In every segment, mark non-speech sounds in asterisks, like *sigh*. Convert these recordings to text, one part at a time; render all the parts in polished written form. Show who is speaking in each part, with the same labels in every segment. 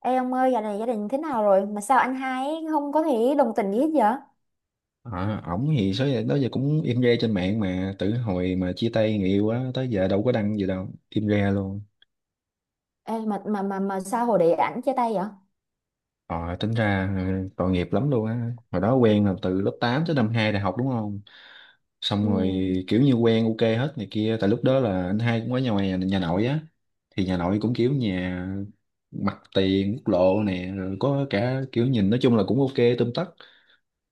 Speaker 1: Ê ông ơi, dạo này gia đình thế nào rồi? Mà sao anh hai ấy không có thể đồng tình gì hết vậy?
Speaker 2: À, ổng thì số giờ đó giờ cũng im re trên mạng, mà từ hồi mà chia tay người yêu á tới giờ đâu có đăng gì đâu, im re luôn.
Speaker 1: Ê, mà sao hồi đấy ảnh chia tay vậy?
Speaker 2: Ờ, tính ra, ừ, tội nghiệp lắm luôn á. Hồi đó quen là từ lớp 8 tới năm 2 đại học, đúng không? Xong rồi
Speaker 1: Ừ,
Speaker 2: kiểu như quen ok hết này kia. Tại lúc đó là anh hai cũng ở nhà ngoài, nhà, nhà nội á, thì nhà nội cũng kiểu nhà mặt tiền quốc lộ nè, rồi có cả kiểu nhìn nói chung là cũng ok tươm tất.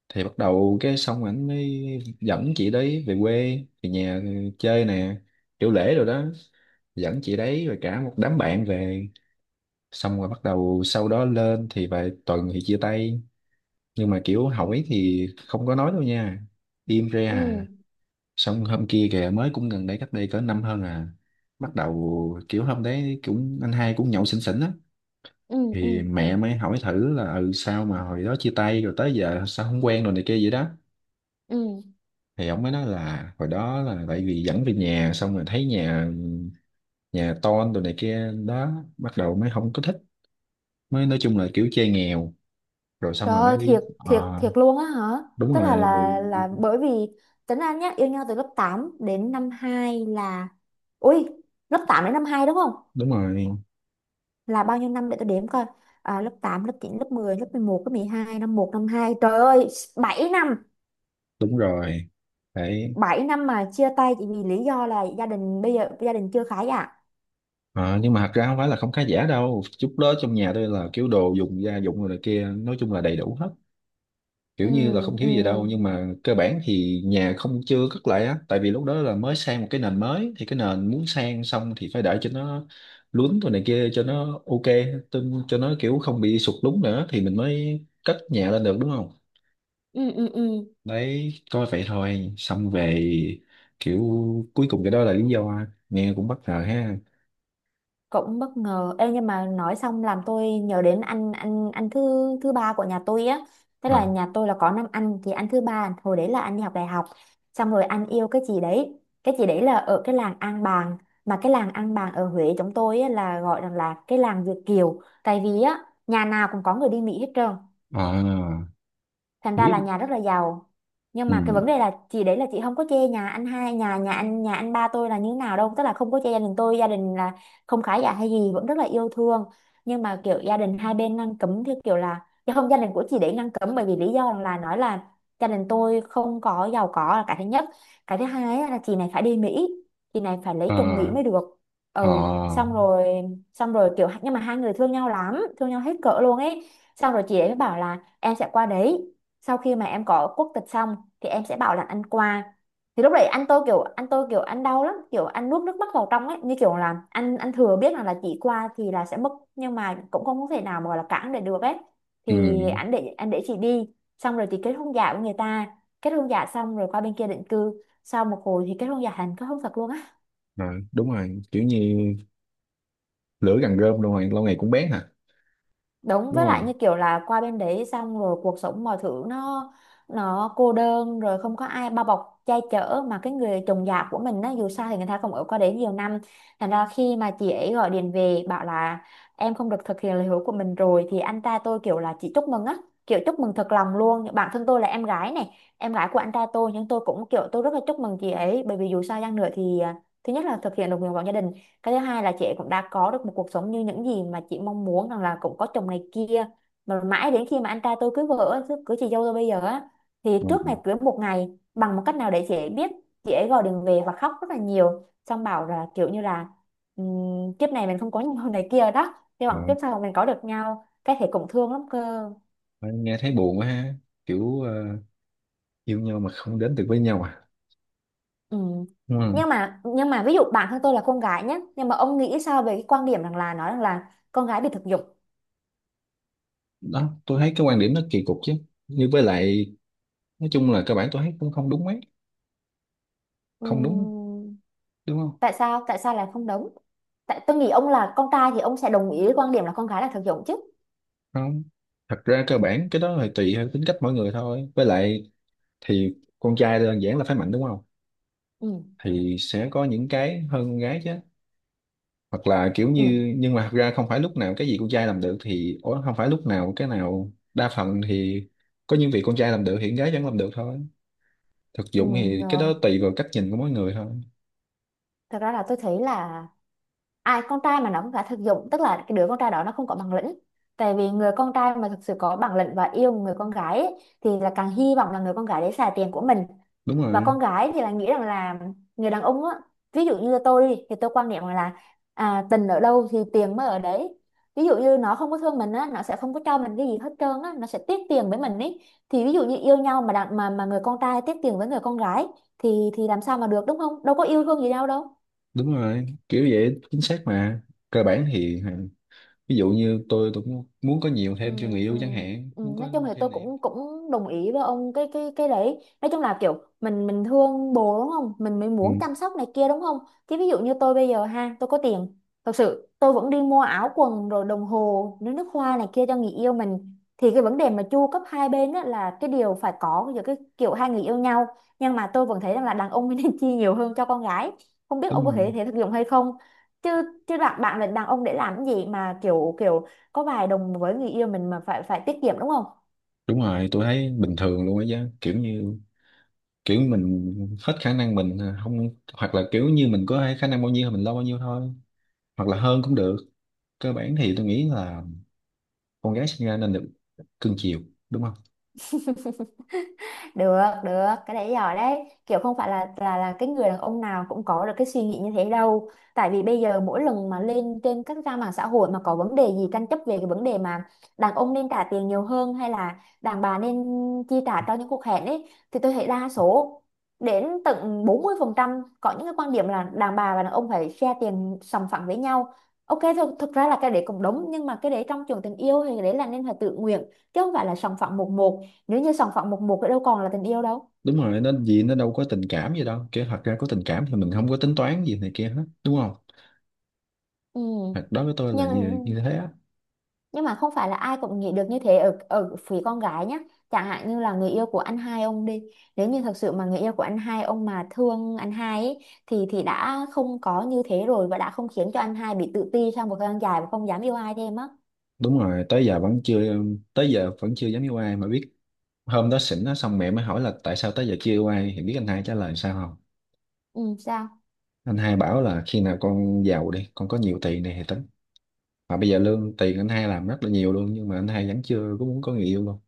Speaker 2: Thì bắt đầu cái xong ảnh mới dẫn chị đấy về quê, về nhà chơi nè, kiểu lễ rồi đó, dẫn chị đấy rồi cả một đám bạn về. Xong rồi bắt đầu sau đó lên thì vài tuần thì chia tay, nhưng mà kiểu hỏi thì không có nói đâu nha, im re à.
Speaker 1: ừ,
Speaker 2: Xong hôm kia kìa mới, cũng gần đây, cách đây cỡ năm hơn à, bắt đầu kiểu hôm đấy cũng anh hai cũng nhậu xỉn xỉn á,
Speaker 1: ừ, ừ,
Speaker 2: thì mẹ mới hỏi thử là ừ sao mà hồi đó chia tay rồi tới giờ sao không quen rồi này kia vậy đó.
Speaker 1: ừ.
Speaker 2: Thì ông mới nói là hồi đó là tại vì dẫn về nhà xong rồi thấy nhà, nhà tôn đồ này kia đó, bắt đầu mới không có thích, mới nói chung là kiểu chơi nghèo, rồi xong
Speaker 1: Trời
Speaker 2: rồi
Speaker 1: ơi,
Speaker 2: mới
Speaker 1: thiệt
Speaker 2: đi. Ờ,
Speaker 1: thiệt thiệt luôn á hả?
Speaker 2: đúng
Speaker 1: Tức là
Speaker 2: rồi.
Speaker 1: là là bởi vì tính anh nhá, yêu nhau từ lớp 8 đến năm 2 là, Ui, lớp 8 đến năm 2 đúng không?
Speaker 2: Đúng rồi.
Speaker 1: Là bao nhiêu năm để tôi đếm coi. À, lớp 8, lớp 9, lớp 10, lớp 11, lớp 12, năm một, năm 2, Trời ơi, 7 năm.
Speaker 2: Đúng rồi. Đấy.
Speaker 1: Bảy năm mà chia tay chỉ vì lý do là gia đình bây giờ gia đình chưa khá giả.
Speaker 2: Ờ, nhưng mà thật ra không phải là không khá giả đâu chút đó. Trong nhà tôi là kiểu đồ dùng gia dụng rồi này kia nói chung là đầy đủ hết,
Speaker 1: Ừ,
Speaker 2: kiểu như là không thiếu
Speaker 1: ừ,
Speaker 2: gì đâu. Nhưng mà cơ bản thì nhà không, chưa cất lại á, tại vì lúc đó là mới sang một cái nền mới, thì cái nền muốn sang xong thì phải để cho nó lún rồi này kia cho nó ok, cho nó kiểu không bị sụt lún nữa, thì mình mới cất nhà lên được, đúng không?
Speaker 1: ừ, ừ, ừ.
Speaker 2: Đấy, coi vậy thôi xong về. Kiểu, cuối cùng cái đó là lý do, nghe cũng bất ngờ ha.
Speaker 1: Cũng bất ngờ. Ê, nhưng mà nói xong làm tôi nhớ đến anh thứ thứ ba của nhà tôi á, tức là
Speaker 2: À.
Speaker 1: nhà tôi là có năm anh thì anh thứ ba hồi đấy là anh đi học đại học, xong rồi anh yêu cái chị đấy. Cái chị đấy là ở cái làng An Bàng, mà cái làng An Bàng ở Huế chúng tôi á, là gọi rằng là cái làng Việt Kiều, tại vì á nhà nào cũng có người đi Mỹ hết trơn,
Speaker 2: À,
Speaker 1: thành ra là
Speaker 2: biết.
Speaker 1: nhà rất là giàu. Nhưng mà cái vấn
Speaker 2: Ừ.
Speaker 1: đề là chị đấy là chị không có chê nhà anh hai nhà nhà anh ba tôi là như thế nào đâu, tức là không có chê gia đình tôi, gia đình là không khá giả hay gì, vẫn rất là yêu thương. Nhưng mà kiểu gia đình hai bên ngăn cấm theo kiểu là, chứ không, gia đình của chị đấy ngăn cấm bởi vì lý do là nói là gia đình tôi không có giàu có là cái thứ nhất. Cái thứ hai á là chị này phải đi Mỹ, chị này phải lấy chồng Mỹ
Speaker 2: À.
Speaker 1: mới được. Ừ,
Speaker 2: À.
Speaker 1: xong rồi, xong rồi kiểu, nhưng mà hai người thương nhau lắm, thương nhau hết cỡ luôn ấy. Xong rồi chị ấy mới bảo là em sẽ qua đấy, sau khi mà em có quốc tịch xong thì em sẽ bảo là ăn qua. Thì lúc đấy anh tôi kiểu, anh tôi kiểu ăn đau lắm, kiểu ăn nuốt nước mắt vào trong ấy, như kiểu là anh thừa biết là chỉ qua thì là sẽ mất, nhưng mà cũng không có thể nào mà gọi là cản để được ấy.
Speaker 2: Ừ.
Speaker 1: Thì anh để chị đi, xong rồi thì kết hôn giả với người ta. Kết hôn giả xong rồi qua bên kia định cư, sau một hồi thì kết hôn giả thành kết hôn thật luôn.
Speaker 2: Rồi, đúng rồi, kiểu như lửa gần rơm luôn rồi, lâu ngày cũng bén hả,
Speaker 1: Đúng,
Speaker 2: đúng
Speaker 1: với lại
Speaker 2: không?
Speaker 1: như kiểu là qua bên đấy xong rồi cuộc sống mọi thứ nó cô đơn, rồi không có ai bao bọc che chở, mà cái người chồng già của mình á, dù sao thì người ta cũng ở qua đấy nhiều năm. Thành ra khi mà chị ấy gọi điện về bảo là em không được thực hiện lời hứa của mình rồi, thì anh trai tôi kiểu là chị chúc mừng á, kiểu chúc mừng thật lòng luôn. Bản thân tôi là em gái này, em gái của anh trai tôi, nhưng tôi cũng kiểu tôi rất là chúc mừng chị ấy, bởi vì dù sao chăng nữa thì à, thứ nhất là thực hiện được nguyện vọng gia đình, cái thứ hai là chị cũng đã có được một cuộc sống như những gì mà chị mong muốn, rằng là cũng có chồng này kia. Mà mãi đến khi mà anh trai tôi cưới vợ, cưới chị dâu tôi bây giờ á, thì trước
Speaker 2: Ừ.
Speaker 1: ngày cưới một ngày, bằng một cách nào để chị ấy biết, chị ấy gọi điện về và khóc rất là nhiều, xong bảo là kiểu như là kiếp này mình không có nhau này kia đó, hy
Speaker 2: Ờ,
Speaker 1: vọng kiếp sau mình có được nhau, cái thể cũng thương lắm cơ.
Speaker 2: nghe thấy buồn quá ha. Kiểu ờ, yêu nhau mà không đến được với nhau à.
Speaker 1: Ừ.
Speaker 2: Đúng.
Speaker 1: nhưng mà ví dụ bản thân tôi là con gái nhé, nhưng mà ông nghĩ sao về cái quan điểm rằng là nói rằng là con gái bị thực dụng?
Speaker 2: Đó, tôi thấy cái quan điểm nó kỳ cục chứ. Nhưng với lại nói chung là cơ bản tôi thấy cũng không đúng mấy. Không đúng,
Speaker 1: Ừm,
Speaker 2: đúng không?
Speaker 1: Tại sao, là không đúng? Tại tôi nghĩ ông là con trai thì ông sẽ đồng ý với quan điểm là con gái là thực dụng chứ.
Speaker 2: Không, thật ra cơ bản cái đó là tùy theo tính cách mỗi người thôi. Với lại thì con trai đơn giản là phải mạnh, đúng không?
Speaker 1: Ừ,
Speaker 2: Thì sẽ có những cái hơn con gái chứ. Hoặc là kiểu
Speaker 1: ừ,
Speaker 2: như, nhưng mà thật ra không phải lúc nào cái gì con trai làm được thì, ủa, không phải lúc nào cái nào đa phần thì có những việc con trai làm được thì con gái vẫn làm được thôi. Thực
Speaker 1: ừ,
Speaker 2: dụng thì cái đó
Speaker 1: rồi.
Speaker 2: tùy vào cách nhìn của mỗi người thôi.
Speaker 1: Thật ra là tôi thấy là ai con trai mà nó cũng đã thực dụng, tức là cái đứa con trai đó nó không có bản lĩnh. Tại vì người con trai mà thực sự có bản lĩnh và yêu người con gái ấy, thì là càng hy vọng là người con gái đấy xài tiền của mình.
Speaker 2: Đúng
Speaker 1: Và
Speaker 2: rồi.
Speaker 1: con gái thì là nghĩ rằng là người đàn ông á, ví dụ như tôi đi thì tôi quan niệm rằng là à, tình ở đâu thì tiền mới ở đấy. Ví dụ như nó không có thương mình á, nó sẽ không có cho mình cái gì hết trơn á, nó sẽ tiếc tiền với mình ấy. Thì ví dụ như yêu nhau mà đàn, mà người con trai tiếc tiền với người con gái, thì làm sao mà được, đúng không? Đâu có yêu thương gì nhau đâu.
Speaker 2: Đúng rồi kiểu vậy, chính xác mà. Cơ bản thì hả, ví dụ như tôi cũng muốn có nhiều thêm cho người yêu chẳng hạn,
Speaker 1: Ừ,
Speaker 2: muốn
Speaker 1: nói
Speaker 2: có
Speaker 1: chung thì tôi
Speaker 2: thêm này thêm
Speaker 1: cũng
Speaker 2: kia.
Speaker 1: cũng đồng ý với ông cái cái đấy, nói chung là kiểu mình thương bồ đúng không, mình mới
Speaker 2: Ừ,
Speaker 1: muốn chăm sóc này kia đúng không. Chứ ví dụ như tôi bây giờ ha, tôi có tiền, thật sự tôi vẫn đi mua áo quần rồi đồng hồ nước nước hoa này kia cho người yêu mình, thì cái vấn đề mà chu cấp hai bên á là cái điều phải có giữa cái kiểu hai người yêu nhau. Nhưng mà tôi vẫn thấy rằng là đàn ông *laughs* nên chi nhiều hơn cho con gái, không biết ông
Speaker 2: đúng
Speaker 1: có thể
Speaker 2: rồi.
Speaker 1: thể thực dụng hay không. Chứ, bạn bạn là đàn ông để làm cái gì mà kiểu kiểu có vài đồng với người yêu mình mà phải phải tiết kiệm đúng không.
Speaker 2: Đúng rồi, tôi thấy bình thường luôn á chứ. Kiểu như kiểu mình hết khả năng mình, à, không, hoặc là kiểu như mình có khả năng bao nhiêu thì mình lo bao nhiêu thôi, hoặc là hơn cũng được. Cơ bản thì tôi nghĩ là con gái sinh ra nên được cưng chiều, đúng không?
Speaker 1: Được, được cái đấy giỏi đấy, kiểu không phải là cái người đàn ông nào cũng có được cái suy nghĩ như thế đâu. Tại vì bây giờ mỗi lần mà lên trên các trang mạng xã hội mà có vấn đề gì tranh chấp về cái vấn đề mà đàn ông nên trả tiền nhiều hơn hay là đàn bà nên chi trả cho những cuộc hẹn ấy, thì tôi thấy đa số đến tận 40% có những cái quan điểm là đàn bà và đàn ông phải share tiền sòng phẳng với nhau. Ok, thực ra là cái đấy cũng đúng, nhưng mà cái đấy trong trường tình yêu thì cái đấy là nên là tự nguyện, chứ không phải là sòng phẳng một một. Nếu như sòng phẳng một một thì đâu còn là tình yêu đâu.
Speaker 2: Đúng rồi, nó gì nó đâu có tình cảm gì đâu. Kiểu thật ra có tình cảm thì mình không có tính toán gì này kia hết, đúng không?
Speaker 1: Ừ.
Speaker 2: Thật đó, với tôi là
Speaker 1: nhưng
Speaker 2: như, như thế á.
Speaker 1: nhưng mà không phải là ai cũng nghĩ được như thế ở ở phía con gái nhá. Chẳng hạn như là người yêu của anh hai ông đi, nếu như thật sự mà người yêu của anh hai ông mà thương anh hai ấy, thì đã không có như thế rồi, và đã không khiến cho anh hai bị tự ti sau một thời gian dài và không dám yêu ai thêm á.
Speaker 2: Đúng rồi, tới giờ vẫn chưa. Tới giờ vẫn chưa dám yêu ai mà biết. Hôm đó xỉn á, xong mẹ mới hỏi là tại sao tới giờ chưa yêu ai, thì biết anh hai trả lời sao không?
Speaker 1: Ừ, sao?
Speaker 2: Anh hai bảo là khi nào con giàu đi, con có nhiều tiền này thì tính. Mà bây giờ lương tiền anh hai làm rất là nhiều luôn, nhưng mà anh hai vẫn chưa có muốn có người yêu luôn.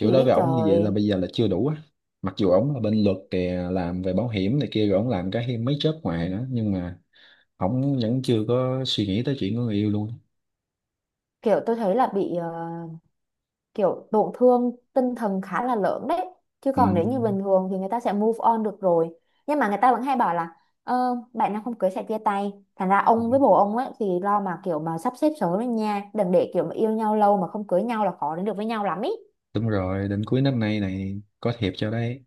Speaker 1: Thì
Speaker 2: đối với ổng như vậy là
Speaker 1: trời,
Speaker 2: bây giờ là chưa đủ á. Mặc dù ổng là bên luật kìa, làm về bảo hiểm này kia, rồi ổng làm cái mấy job ngoài nữa, nhưng mà ổng vẫn chưa có suy nghĩ tới chuyện của người yêu luôn.
Speaker 1: kiểu tôi thấy là bị, kiểu tổn thương tinh thần khá là lớn đấy. Chứ
Speaker 2: Ừ.
Speaker 1: còn nếu như bình thường thì người ta sẽ move on được rồi. Nhưng mà người ta vẫn hay bảo là bạn nào không cưới sẽ chia tay, thành ra
Speaker 2: Ừ,
Speaker 1: ông với bồ ông ấy thì lo mà kiểu mà sắp xếp sớm lên nha, đừng để kiểu mà yêu nhau lâu mà không cưới nhau là khó đến được với nhau lắm ý.
Speaker 2: đúng rồi, đến cuối năm nay này có thiệp cho đấy.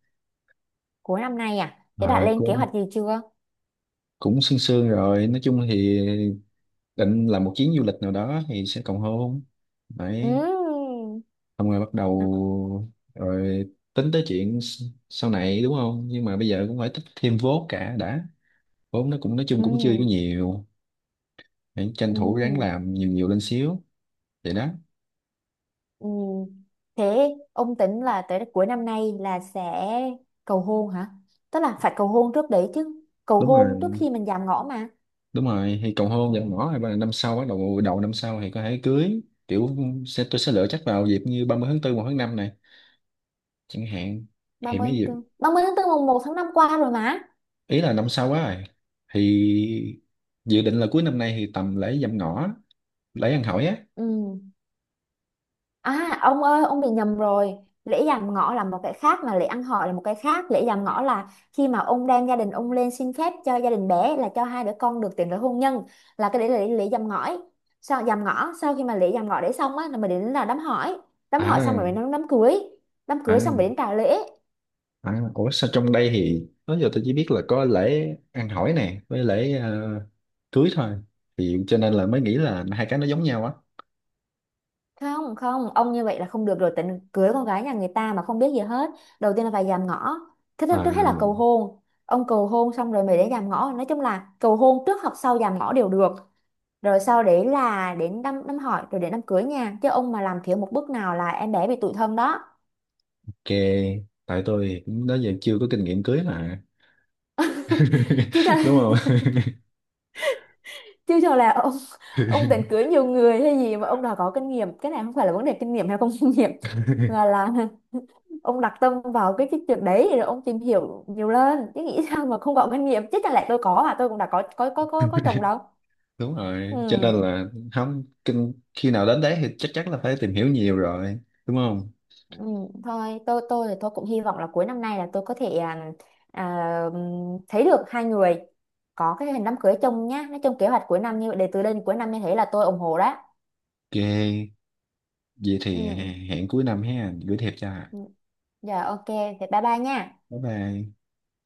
Speaker 1: Cuối năm nay à, thế đã
Speaker 2: À,
Speaker 1: lên kế
Speaker 2: cũng
Speaker 1: hoạch gì chưa?
Speaker 2: cũng sương sương rồi. Nói chung thì định làm một chuyến du lịch nào đó thì sẽ cầu hôn. Đấy,
Speaker 1: Ừ,
Speaker 2: xong rồi bắt đầu rồi tính tới chuyện sau này, đúng không? Nhưng mà bây giờ cũng phải tích thêm vốn cả đã. Vốn nó cũng nói chung cũng chưa có
Speaker 1: ừ,
Speaker 2: nhiều, hãy tranh thủ ráng
Speaker 1: ừ.
Speaker 2: làm nhiều nhiều lên xíu. Vậy đó.
Speaker 1: Ừ. Thế ông tính là tới cuối năm nay là sẽ cầu hôn hả? Tức là phải cầu hôn trước đấy chứ. Cầu
Speaker 2: Đúng
Speaker 1: hôn trước
Speaker 2: rồi.
Speaker 1: khi mình giảm ngõ mà.
Speaker 2: Đúng rồi, thì cầu hôn nhận ngỏ rồi năm sau bắt đầu, đầu năm sau thì có thể cưới. Kiểu tôi sẽ lựa chắc vào dịp như 30 tháng 4 1 tháng 5 này chẳng hạn. Thì
Speaker 1: 30
Speaker 2: mấy
Speaker 1: tháng
Speaker 2: dịp,
Speaker 1: 4. 30 tháng tư mùng một tháng 5 qua rồi mà.
Speaker 2: ý là năm sau quá rồi thì, dự định là cuối năm nay thì tầm lễ dạm ngõ, lễ ăn hỏi á.
Speaker 1: Ừ. À ông ơi, ông bị nhầm rồi. Lễ dạm ngõ là một cái khác mà lễ ăn hỏi là một cái khác. Lễ dạm ngõ là khi mà ông đem gia đình ông lên xin phép cho gia đình bé là cho hai đứa con được tiến tới hôn nhân, là cái đấy là lễ, lễ dạm ngõ. Sau dạm ngõ, sau khi mà lễ dạm ngõ đấy xong á là mình đến là đám hỏi, đám hỏi xong rồi
Speaker 2: À.
Speaker 1: mới đến đám cưới, đám cưới xong
Speaker 2: À.
Speaker 1: rồi đến trả lễ.
Speaker 2: À, ủa sao trong đây thì đó giờ tôi chỉ biết là có lễ ăn hỏi nè với lễ, ờ, cưới thôi, thì cho nên là mới nghĩ là hai cái nó giống nhau á.
Speaker 1: Không không ông, như vậy là không được rồi, tính cưới con gái nhà người ta mà không biết gì hết. Đầu tiên là phải dạm ngõ. Thứ nhất trước hết là cầu
Speaker 2: À,
Speaker 1: hôn, ông cầu hôn xong rồi mới đến dạm ngõ, nói chung là cầu hôn trước hoặc sau dạm ngõ đều được. Rồi sau đấy là đến đám đám hỏi, rồi đến đám cưới nha, chứ ông mà làm thiếu một bước nào là em bé bị tủi thân đó.
Speaker 2: ok, tại tôi cũng đó giờ chưa có kinh nghiệm cưới mà.
Speaker 1: Chứ
Speaker 2: *laughs*
Speaker 1: cho
Speaker 2: Đúng không?
Speaker 1: *laughs* chứ cho là ông, định cưới nhiều người hay gì mà ông đòi có kinh nghiệm? Cái này không phải là vấn đề kinh nghiệm hay không kinh nghiệm, mà là ông đặt tâm vào cái chuyện đấy rồi ông tìm hiểu nhiều lên, chứ nghĩ sao mà không có kinh nghiệm, chứ chẳng lẽ tôi có, à tôi cũng đã có chồng đâu.
Speaker 2: Đúng rồi, cho nên
Speaker 1: Ừ.
Speaker 2: là không kinh, khi nào đến đấy thì chắc chắn là phải tìm hiểu nhiều rồi, đúng không?
Speaker 1: Ừ, thôi tôi thì tôi cũng hy vọng là cuối năm nay là tôi có thể thấy được hai người có cái hình đám cưới chung nhá, nói chung kế hoạch cuối năm như vậy, để từ đây đến cuối năm như thế là tôi ủng hộ đó.
Speaker 2: Ok, vậy thì
Speaker 1: Ừ.
Speaker 2: hẹn cuối năm ha, gửi thiệp cho.
Speaker 1: Ừ. Giờ ok thì bye bye nha.
Speaker 2: Bye bye.